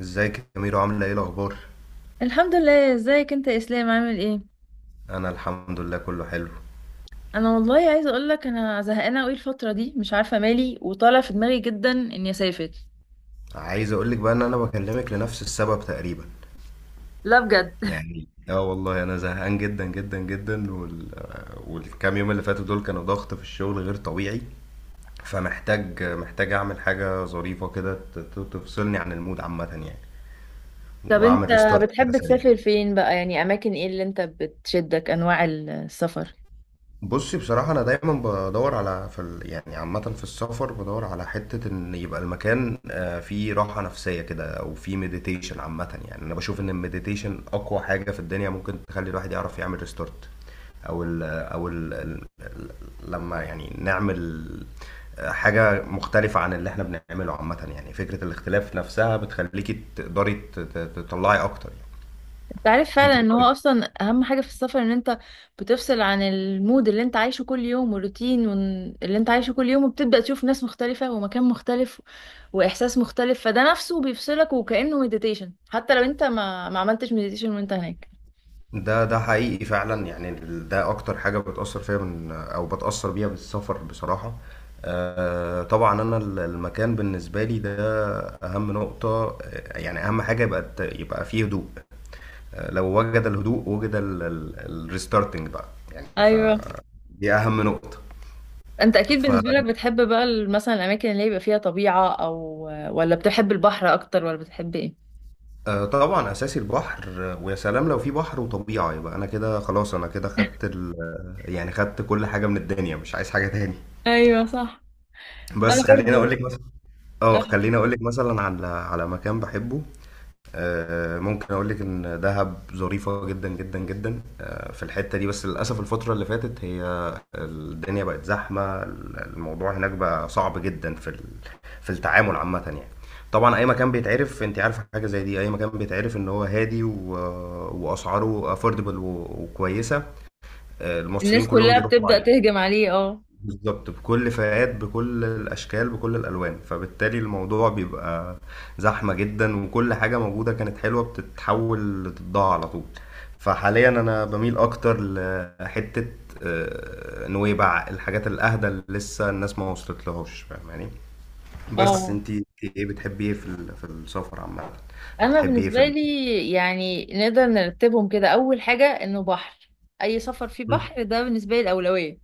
ازيك يا ميرو؟ عامله ايه؟ إيه الاخبار؟ الحمد لله، ازيك انت يا اسلام؟ عامل ايه؟ انا الحمد لله، كله حلو. انا والله عايزه اقول لك انا زهقانه قوي الفتره دي، مش عارفه مالي، وطالع في دماغي جدا اني اسافر. عايز اقولك بقى ان انا بكلمك لنفس السبب تقريبا. لا بجد يعني اه والله انا زهقان جدا جدا جدا والكام يوم اللي فاتوا دول كانوا ضغط في الشغل غير طبيعي. فمحتاج اعمل حاجه ظريفه كده تفصلني عن المود عامه يعني، طب انت واعمل ريستارت كده بتحب سريع. تسافر فين بقى؟ يعني اماكن ايه اللي انت بتشدك؟ انواع السفر؟ بصي، بصراحة أنا دايما بدور على يعني عامة في السفر بدور على حتة إن يبقى المكان فيه راحة نفسية كده، أو فيه مديتيشن. عامة يعني أنا بشوف إن المديتيشن أقوى حاجة في الدنيا ممكن تخلي الواحد يعرف يعمل ريستارت. أو ال... أو ال... ال... ال- لما يعني نعمل حاجة مختلفة عن اللي إحنا بنعمله عامة. يعني فكرة الاختلاف نفسها بتخليكي تقدري تطلعي أكتر يعني. تعرف أنت. فعلا ان هو اصلا اهم حاجة في السفر ان انت بتفصل عن المود اللي انت عايشه كل يوم والروتين اللي انت عايشه كل يوم، وبتبدأ تشوف ناس مختلفة ومكان مختلف واحساس مختلف، فده نفسه بيفصلك وكأنه مديتيشن، حتى لو انت ما عملتش مديتيشن وانت هناك. ده ده حقيقي فعلا يعني ده اكتر حاجه بتاثر فيا من او بتاثر بيها بالسفر بصراحه. طبعا انا المكان بالنسبه لي ده اهم نقطه. يعني اهم حاجه يبقى يبقى فيه هدوء. لو وجد الهدوء وجد الريستارتنج بقى، يعني ايوه. فدي اهم نقطه. انت اكيد ف بالنسبة لك بتحب بقى مثلا الاماكن اللي يبقى فيها طبيعة، او ولا بتحب البحر اكتر، ولا بتحب ايه؟ طبعا اساسي البحر. ويا سلام لو في بحر وطبيعه يبقى انا كده خلاص، انا كده يعني خدت كل حاجه من الدنيا، مش عايز حاجه تاني. ايوه صح. انا بس خليني برضو اقول لك، اه آه. خليني اقول لك مثلا على مكان بحبه. ممكن اقول لك ان دهب ظريفه جدا جدا جدا. في الحته دي، بس للاسف الفتره اللي فاتت هي الدنيا بقت زحمه، الموضوع هناك بقى صعب جدا في التعامل عامه يعني. طبعا اي مكان بيتعرف، انت عارفه حاجه زي دي، اي مكان بيتعرف ان هو هادي واسعاره افوردبل وكويسه، المصريين الناس كلهم كلها بيروحوا بتبدأ عليه. تهجم عليه، اه. بالظبط، بكل فئات، بكل الأشكال، بكل الألوان. فبالتالي الموضوع بيبقى زحمة جدا، وكل حاجة موجودة كانت حلوة بتتحول لتضاع على طول. فحاليا أنا بميل أكتر لحتة نويبع، الحاجات الأهدى اللي لسه الناس ما وصلت لهاش، فاهماني. بس اه، انتي ايه بتحبي ايه في السفر عامة، أو انا بتحبي ايه بالنسبه لي يعني نقدر نرتبهم كده: اول حاجه انه بحر. اي سفر فيه مم. بحر ده بالنسبه لي الاولويه.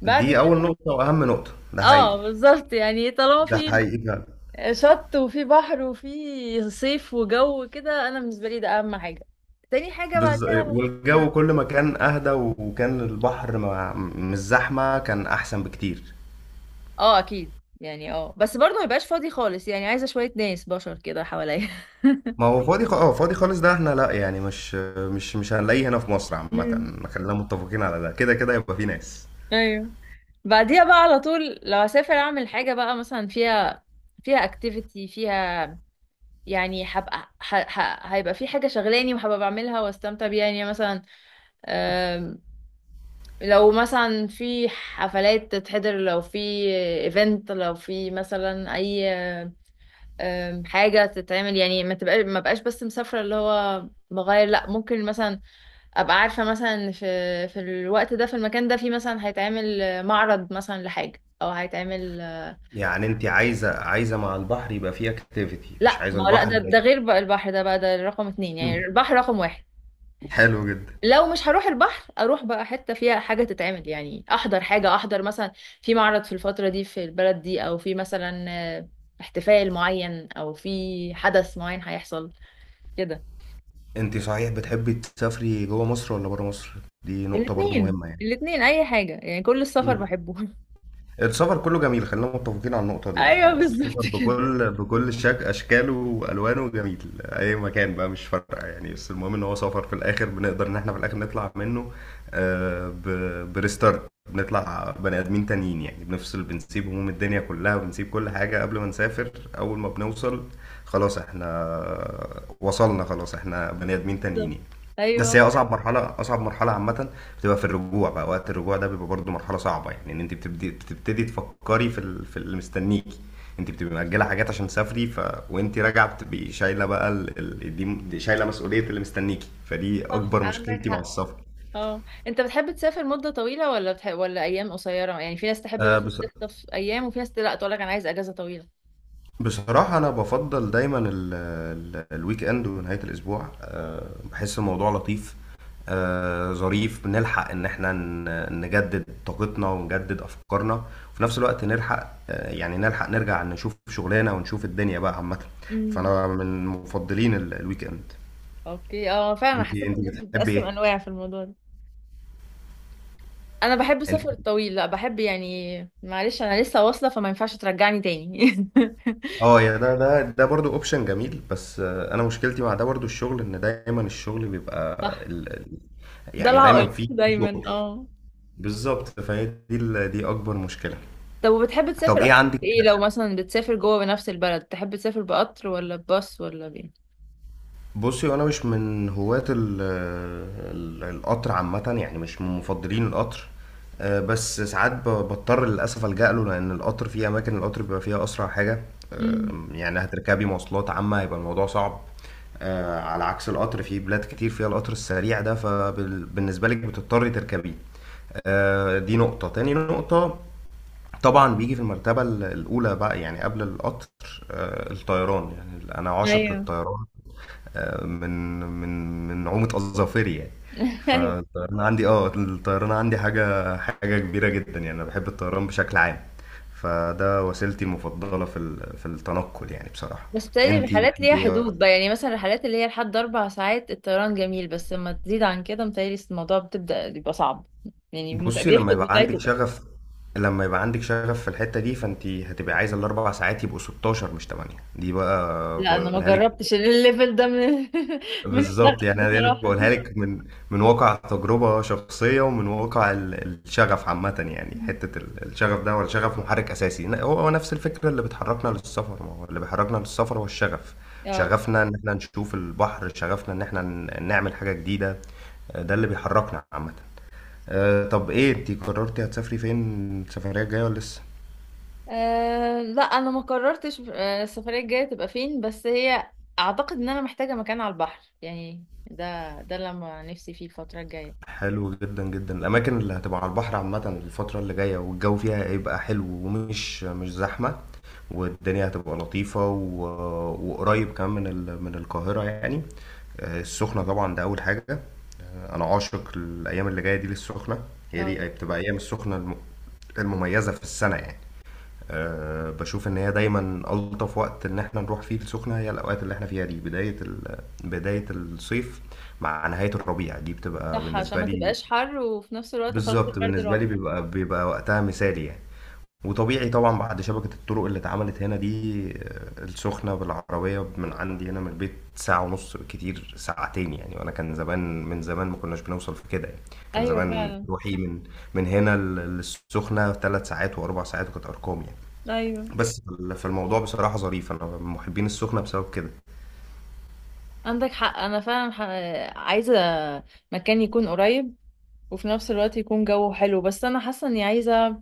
بعد دي أول كده، نقطة وأهم نقطة، ده اه حقيقي، بالظبط، يعني طالما ده في حقيقي. شط وفي بحر وفي صيف وجو كده، انا بالنسبه لي ده اهم حاجه. تاني حاجه بعدها، والجو كل ما كان اهدى وكان البحر ما... مش زحمه كان احسن بكتير. اه اكيد. يعني اه بس برضه ما يبقاش فاضي خالص، يعني عايزه شويه ناس بشر كده حواليا. ما هو اه فاضي خالص ده احنا لا، يعني مش هنلاقيه هنا في مصر عامه، مم. خلينا متفقين على ده. كده كده يبقى في ناس. ايوه. بعديها بقى على طول لو هسافر اعمل حاجه بقى مثلا فيها، فيها اكتيفيتي فيها، يعني هبقى هيبقى في حاجة شغلاني وهبقى بعملها واستمتع بيها. يعني مثلا، آم، لو مثلا في حفلات تتحضر، لو في ايفنت، لو في مثلا اي حاجة تتعمل، يعني ما تبقاش ما بقاش بس مسافرة، اللي هو بغير. لا، ممكن مثلا ابقى عارفة مثلا إن في الوقت ده في المكان ده في مثلا هيتعمل معرض مثلا لحاجة، او هيتعمل. يعني انت عايزه، مع البحر يبقى فيه اكتيفيتي، مش لا، عايزه ما هو لا، البحر ده هادي. غير بقى، البحر ده رقم اتنين، يعني مم. البحر رقم واحد. حلو جدا. لو مش هروح البحر اروح بقى حته فيها حاجه تتعمل، يعني احضر حاجه، احضر مثلا في معرض في الفتره دي في البلد دي، او في مثلا آه، احتفال معين، او في حدث معين هيحصل كده. انت صحيح بتحبي تسافري جوه مصر ولا بره مصر؟ دي نقطه برضو الاثنين مهمه يعني. الاثنين، اي حاجه، يعني كل السفر مم. بحبه. السفر كله جميل، خلينا متفقين على النقطة دي. يعني ايوه هو السفر بالظبط كده. بكل بكل شك أشكاله وألوانه جميل، أي مكان بقى مش فارقة يعني. بس المهم إن هو سفر في الآخر، بنقدر إن إحنا في الآخر نطلع منه بريستارت. بنطلع بني آدمين تانيين، يعني بنفصل، بنسيب هموم الدنيا كلها، وبنسيب كل حاجة قبل ما نسافر. أول ما بنوصل خلاص إحنا وصلنا، خلاص إحنا بني آدمين بالظبط. تانيين. بس هي ايوه اصعب مرحله، عامه بتبقى في الرجوع بقى. وقت الرجوع ده بيبقى برضه مرحله صعبه. يعني ان انت بتبتدي تفكري في اللي مستنيكي، انت بتبقي مأجله حاجات عشان تسافري، وانت راجعه بتبقي شايله بقى ال... ال... دي دي شايله مسؤوليه اللي مستنيكي، فدي صح، اكبر عندك مشكلتي مع حق. السفر. اه، انت بتحب تسافر مده طويله ولا ولا ايام قصيره؟ يعني في ناس تحب أه مثلا بس تخطف ايام، وفي ناس لا تقول لك انا عايز اجازه طويله. بصراحة أنا بفضل دايما ال ال الويك إند ونهاية الأسبوع. بحس الموضوع لطيف، ظريف، بنلحق إن إحنا نجدد طاقتنا ونجدد أفكارنا، وفي نفس الوقت نلحق يعني نلحق نرجع نشوف شغلنا ونشوف الدنيا بقى عامة. مم. فأنا من مفضلين الويك إند. اوكي. اه فعلا، أنا حسيت أنت الناس بتحبي بتقسم إيه؟ انواع في الموضوع ده. انا بحب أنت السفر الطويل، لا بحب يعني، معلش انا لسه واصله فما ينفعش ترجعني تاني. أه يا ده برضه أوبشن جميل، بس أنا مشكلتي مع ده برضه الشغل، إن دايما الشغل بيبقى صح. ال- ال- ده يعني دايما العائق في. دايما، اه. بالظبط، فهي دي دي اكبر مشكله. طب وبتحب طب تسافر ايه اكتر عندك. في ايه؟ لو مثلا بتسافر جوه بنفس البلد، تحب تسافر بقطر ولا بباص ولا بايه؟ بصي انا مش من هواة القطر عامه، يعني مش من مفضلين القطر. بس ساعات بضطر للاسف الجا له، لان القطر في اماكن القطر بيبقى فيها اسرع حاجه. امم. يعني هتركبي مواصلات عامه هيبقى الموضوع صعب، على عكس القطر في بلاد كتير فيها القطر السريع ده، فبالنسبه لك بتضطري تركبيه. دي نقطة، تاني نقطة طبعا بيجي في المرتبة الأولى بقى، يعني قبل القطر، الطيران. يعني أنا عاشق ايوه. للطيران، من نعومة أظافري يعني. ايوه. فالطيران عندي، اه الطيران عندي حاجة، حاجة كبيرة جدا، يعني أنا بحب الطيران بشكل عام. فده وسيلتي المفضلة في التنقل يعني، بصراحة. بس بتهيألي انتي الرحلات ليها بتحبي ايه أكتر؟ حدود بقى، يعني مثلا الرحلات اللي هي لحد اربع ساعات الطيران جميل، بس لما تزيد عن كده متهيألي الموضوع بتبدأ يبقى صعب. يعني بصي لما بيفقد يبقى عندك متعته. شغف، لما يبقى عندك شغف في الحتة دي، فانت هتبقى عايزة الاربع ساعات يبقوا 16 مش 8، دي بقى لا انا ما بقولها لك. جربتش الليفل ده من من بالظبط، الشغف يعني انا بصراحه. بقولها لك من من واقع تجربه شخصيه، ومن واقع الشغف عامه يعني. حته الشغف ده ولا شغف محرك اساسي، هو نفس الفكره اللي بتحركنا للسفر. ما هو اللي بيحركنا للسفر هو الشغف، اه شغفنا ان احنا نشوف البحر، شغفنا ان احنا نعمل حاجه جديده. ده اللي بيحركنا عامه. صح. طب ايه، انت قررتي هتسافري فين السفريه الجايه ولا لسه؟ آه، لا انا ما قررتش آه، السفريه الجايه تبقى فين، بس هي اعتقد ان انا محتاجه مكان على البحر، يعني ده ده لما نفسي فيه الفتره الجايه. حلو جدا جدا، الاماكن اللي هتبقى على البحر عامه الفتره اللي جايه والجو فيها هيبقى حلو، ومش مش زحمه، والدنيا هتبقى لطيفه وقريب كمان من من القاهره يعني. السخنه طبعا ده اول حاجه. انا عاشق الايام اللي جايه دي للسخنه، هي اه دي بتبقى ايام السخنه المميزه في السنه يعني. أه بشوف ان هي دايما الطف وقت ان احنا نروح فيه السخنه هي الاوقات اللي احنا فيها دي، بدايه بدايه الصيف مع نهايه الربيع، دي بتبقى صح، عشان بالنسبه ما لي. تبقاش حر وفي نفس الوقت خلاص بالظبط، البرد بالنسبه لي راح. بيبقى وقتها مثالي يعني. وطبيعي طبعا بعد شبكه الطرق اللي اتعملت هنا دي، السخنه بالعربيه من عندي هنا من البيت ساعه ونص، بالكتير ساعتين يعني. وانا كان زمان، من زمان ما كناش بنوصل في كده يعني. كان ايوه زمان فعلا. روحي من من هنا للسخنه ثلاث ساعات واربع ساعات، وكانت ارقام يعني. ايوه بس فالموضوع بصراحة ظريف، أنا من محبين السخنة بسبب كده. عندك حق، انا فعلا عايزه مكان يكون قريب وفي نفس الوقت يكون جو حلو، بس انا حاسه اني عايزه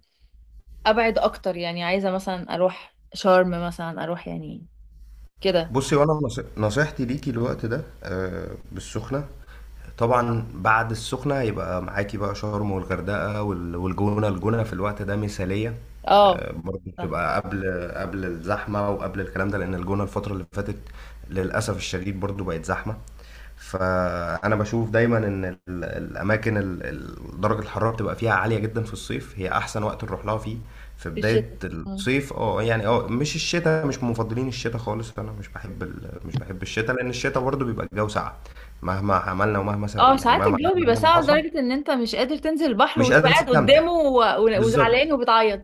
ابعد اكتر، يعني عايزه مثلا اروح شرم مثلا، اروح يعني كده. بصي وأنا نصيحتي ليكي الوقت ده بالسخنة. طبعا بعد السخنة يبقى معاكي بقى شرم والغردقة والجونة، الجونة في الوقت ده مثالية، اه برضه صح. بتبقى قبل، قبل الزحمة وقبل الكلام ده، لأن الجونة الفترة اللي فاتت للأسف الشديد برضه بقت زحمة. فانا بشوف دايما ان الاماكن درجه الحراره بتبقى فيها عاليه جدا في الصيف، هي احسن وقت نروح لها فيه في في الشتاء. بدايه مم. الصيف. اه يعني، اه مش الشتاء، مش من مفضلين الشتاء خالص. انا مش بحب مش بحب الشتاء، لان الشتاء برضه بيبقى الجو ساقع، مهما عملنا اه يعني ساعات مهما الجو عملنا بيبقى ومهما ساقع حصل لدرجه ان انت مش قادر تنزل البحر، مش وتبقى قادر قاعد تستمتع. قدامه بالظبط، وزعلان وبتعيط.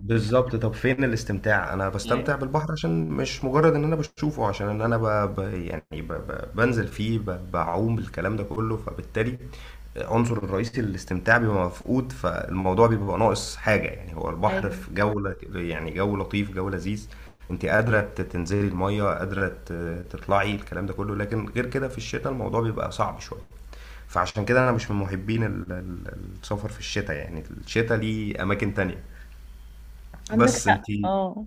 بالظبط، طب فين الاستمتاع؟ انا ايوه. بستمتع بالبحر عشان مش مجرد ان انا بشوفه، عشان ان انا يعني بنزل فيه، بعوم، الكلام ده كله. فبالتالي عنصر الرئيسي للاستمتاع بيبقى مفقود، فالموضوع بيبقى ناقص حاجة يعني، هو البحر أيوة. في جولة يعني، جو لطيف، جو لذيذ، انت قادرة تنزلي المية، قادرة تطلعي الكلام ده كله. لكن غير كده في الشتاء الموضوع بيبقى صعب شوية. فعشان كده انا مش من محبين السفر في الشتاء. يعني الشتاء ليه اماكن تانية. عندك بس حق، انت اه.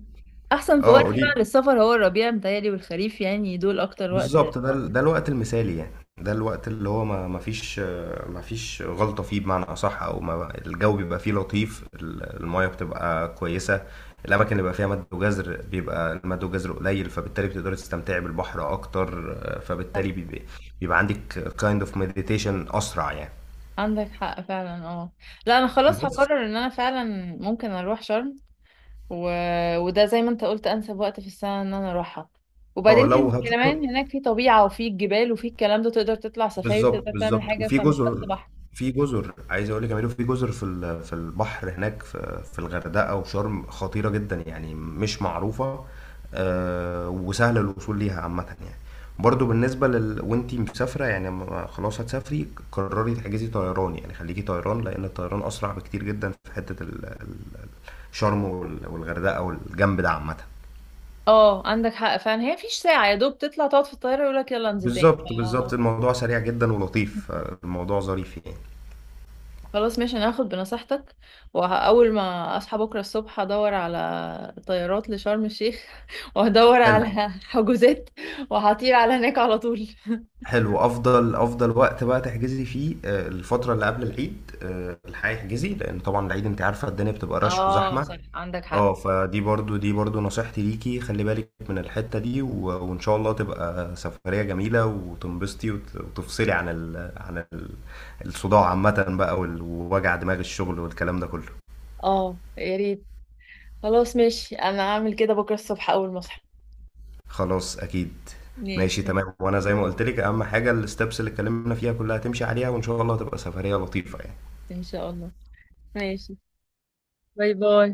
احسن في اه وقت فعلا قولي. للسفر هو الربيع متهيألي، والخريف، يعني دول اكتر وقت. بالظبط ده ده الوقت المثالي يعني، ده الوقت اللي هو ما فيش ما فيش غلطة فيه، بمعنى أصح، أو ما الجو بيبقى فيه لطيف، المية بتبقى كويسة، الأماكن اللي بيبقى فيها مد وجزر بيبقى المد وجزر قليل، فبالتالي بتقدري تستمتعي بالبحر أكتر. فبالتالي صح، بيبقى عندك kind of meditation أسرع يعني. عندك حق فعلا، اه. لا انا خلاص بس هقرر ان انا فعلا ممكن اروح شرم، و... وده زي ما انت قلت انسب وقت في السنة ان انا اروحها، اه وبعدين لو هتروح، كمان هناك في طبيعة وفي جبال وفي الكلام ده، تقدر تطلع سفاري، بالظبط تقدر تعمل بالظبط، حاجة، وفي فمش بس جزر، بحر. في جزر عايز اقول لك يا ميدو، في جزر في البحر هناك في في الغردقه وشرم خطيره جدا، يعني مش معروفه، وسهل الوصول ليها عامه يعني. برضو بالنسبه لل وانتي مسافره يعني خلاص هتسافري قرري تحجزي طيران، يعني خليكي طيران، لان الطيران اسرع بكتير جدا في حته شرم والغردقه والجنب ده عامه. اه عندك حق فعلا، هي فيش ساعة يا دوب تطلع تقعد في الطيارة يقولك يلا انزل تاني بالظبط بالظبط، الموضوع سريع جدا ولطيف، الموضوع ظريف يعني. خلاص ماشي، انا هاخد بنصيحتك، واول ما اصحى بكرة الصبح هدور على طيارات لشرم الشيخ وهدور حلو، على حجوزات وهطير على هناك على طول. حلو، افضل، افضل وقت بقى تحجزي فيه الفتره اللي قبل العيد، الحقيقه احجزي، لان طبعا العيد انت عارفه الدنيا بتبقى رش اه وزحمه. صح، عندك اه حق، فدي برضو، دي برضو نصيحتي ليكي، خلي بالك من الحته دي وان شاء الله تبقى سفريه جميله وتنبسطي وتفصلي عن الصداع عامه بقى ووجع دماغ الشغل والكلام ده كله. اه. يا ريت. خلاص ماشي، انا هعمل كده بكره الصبح اول ما اصحى. خلاص اكيد، ماشي ماشي. تمام. وانا زي ما قلت لك اهم حاجه الستبس اللي اتكلمنا فيها كلها تمشي عليها، وان شاء الله تبقى سفريه لطيفه يعني. ان شاء الله. ماشي. باي باي.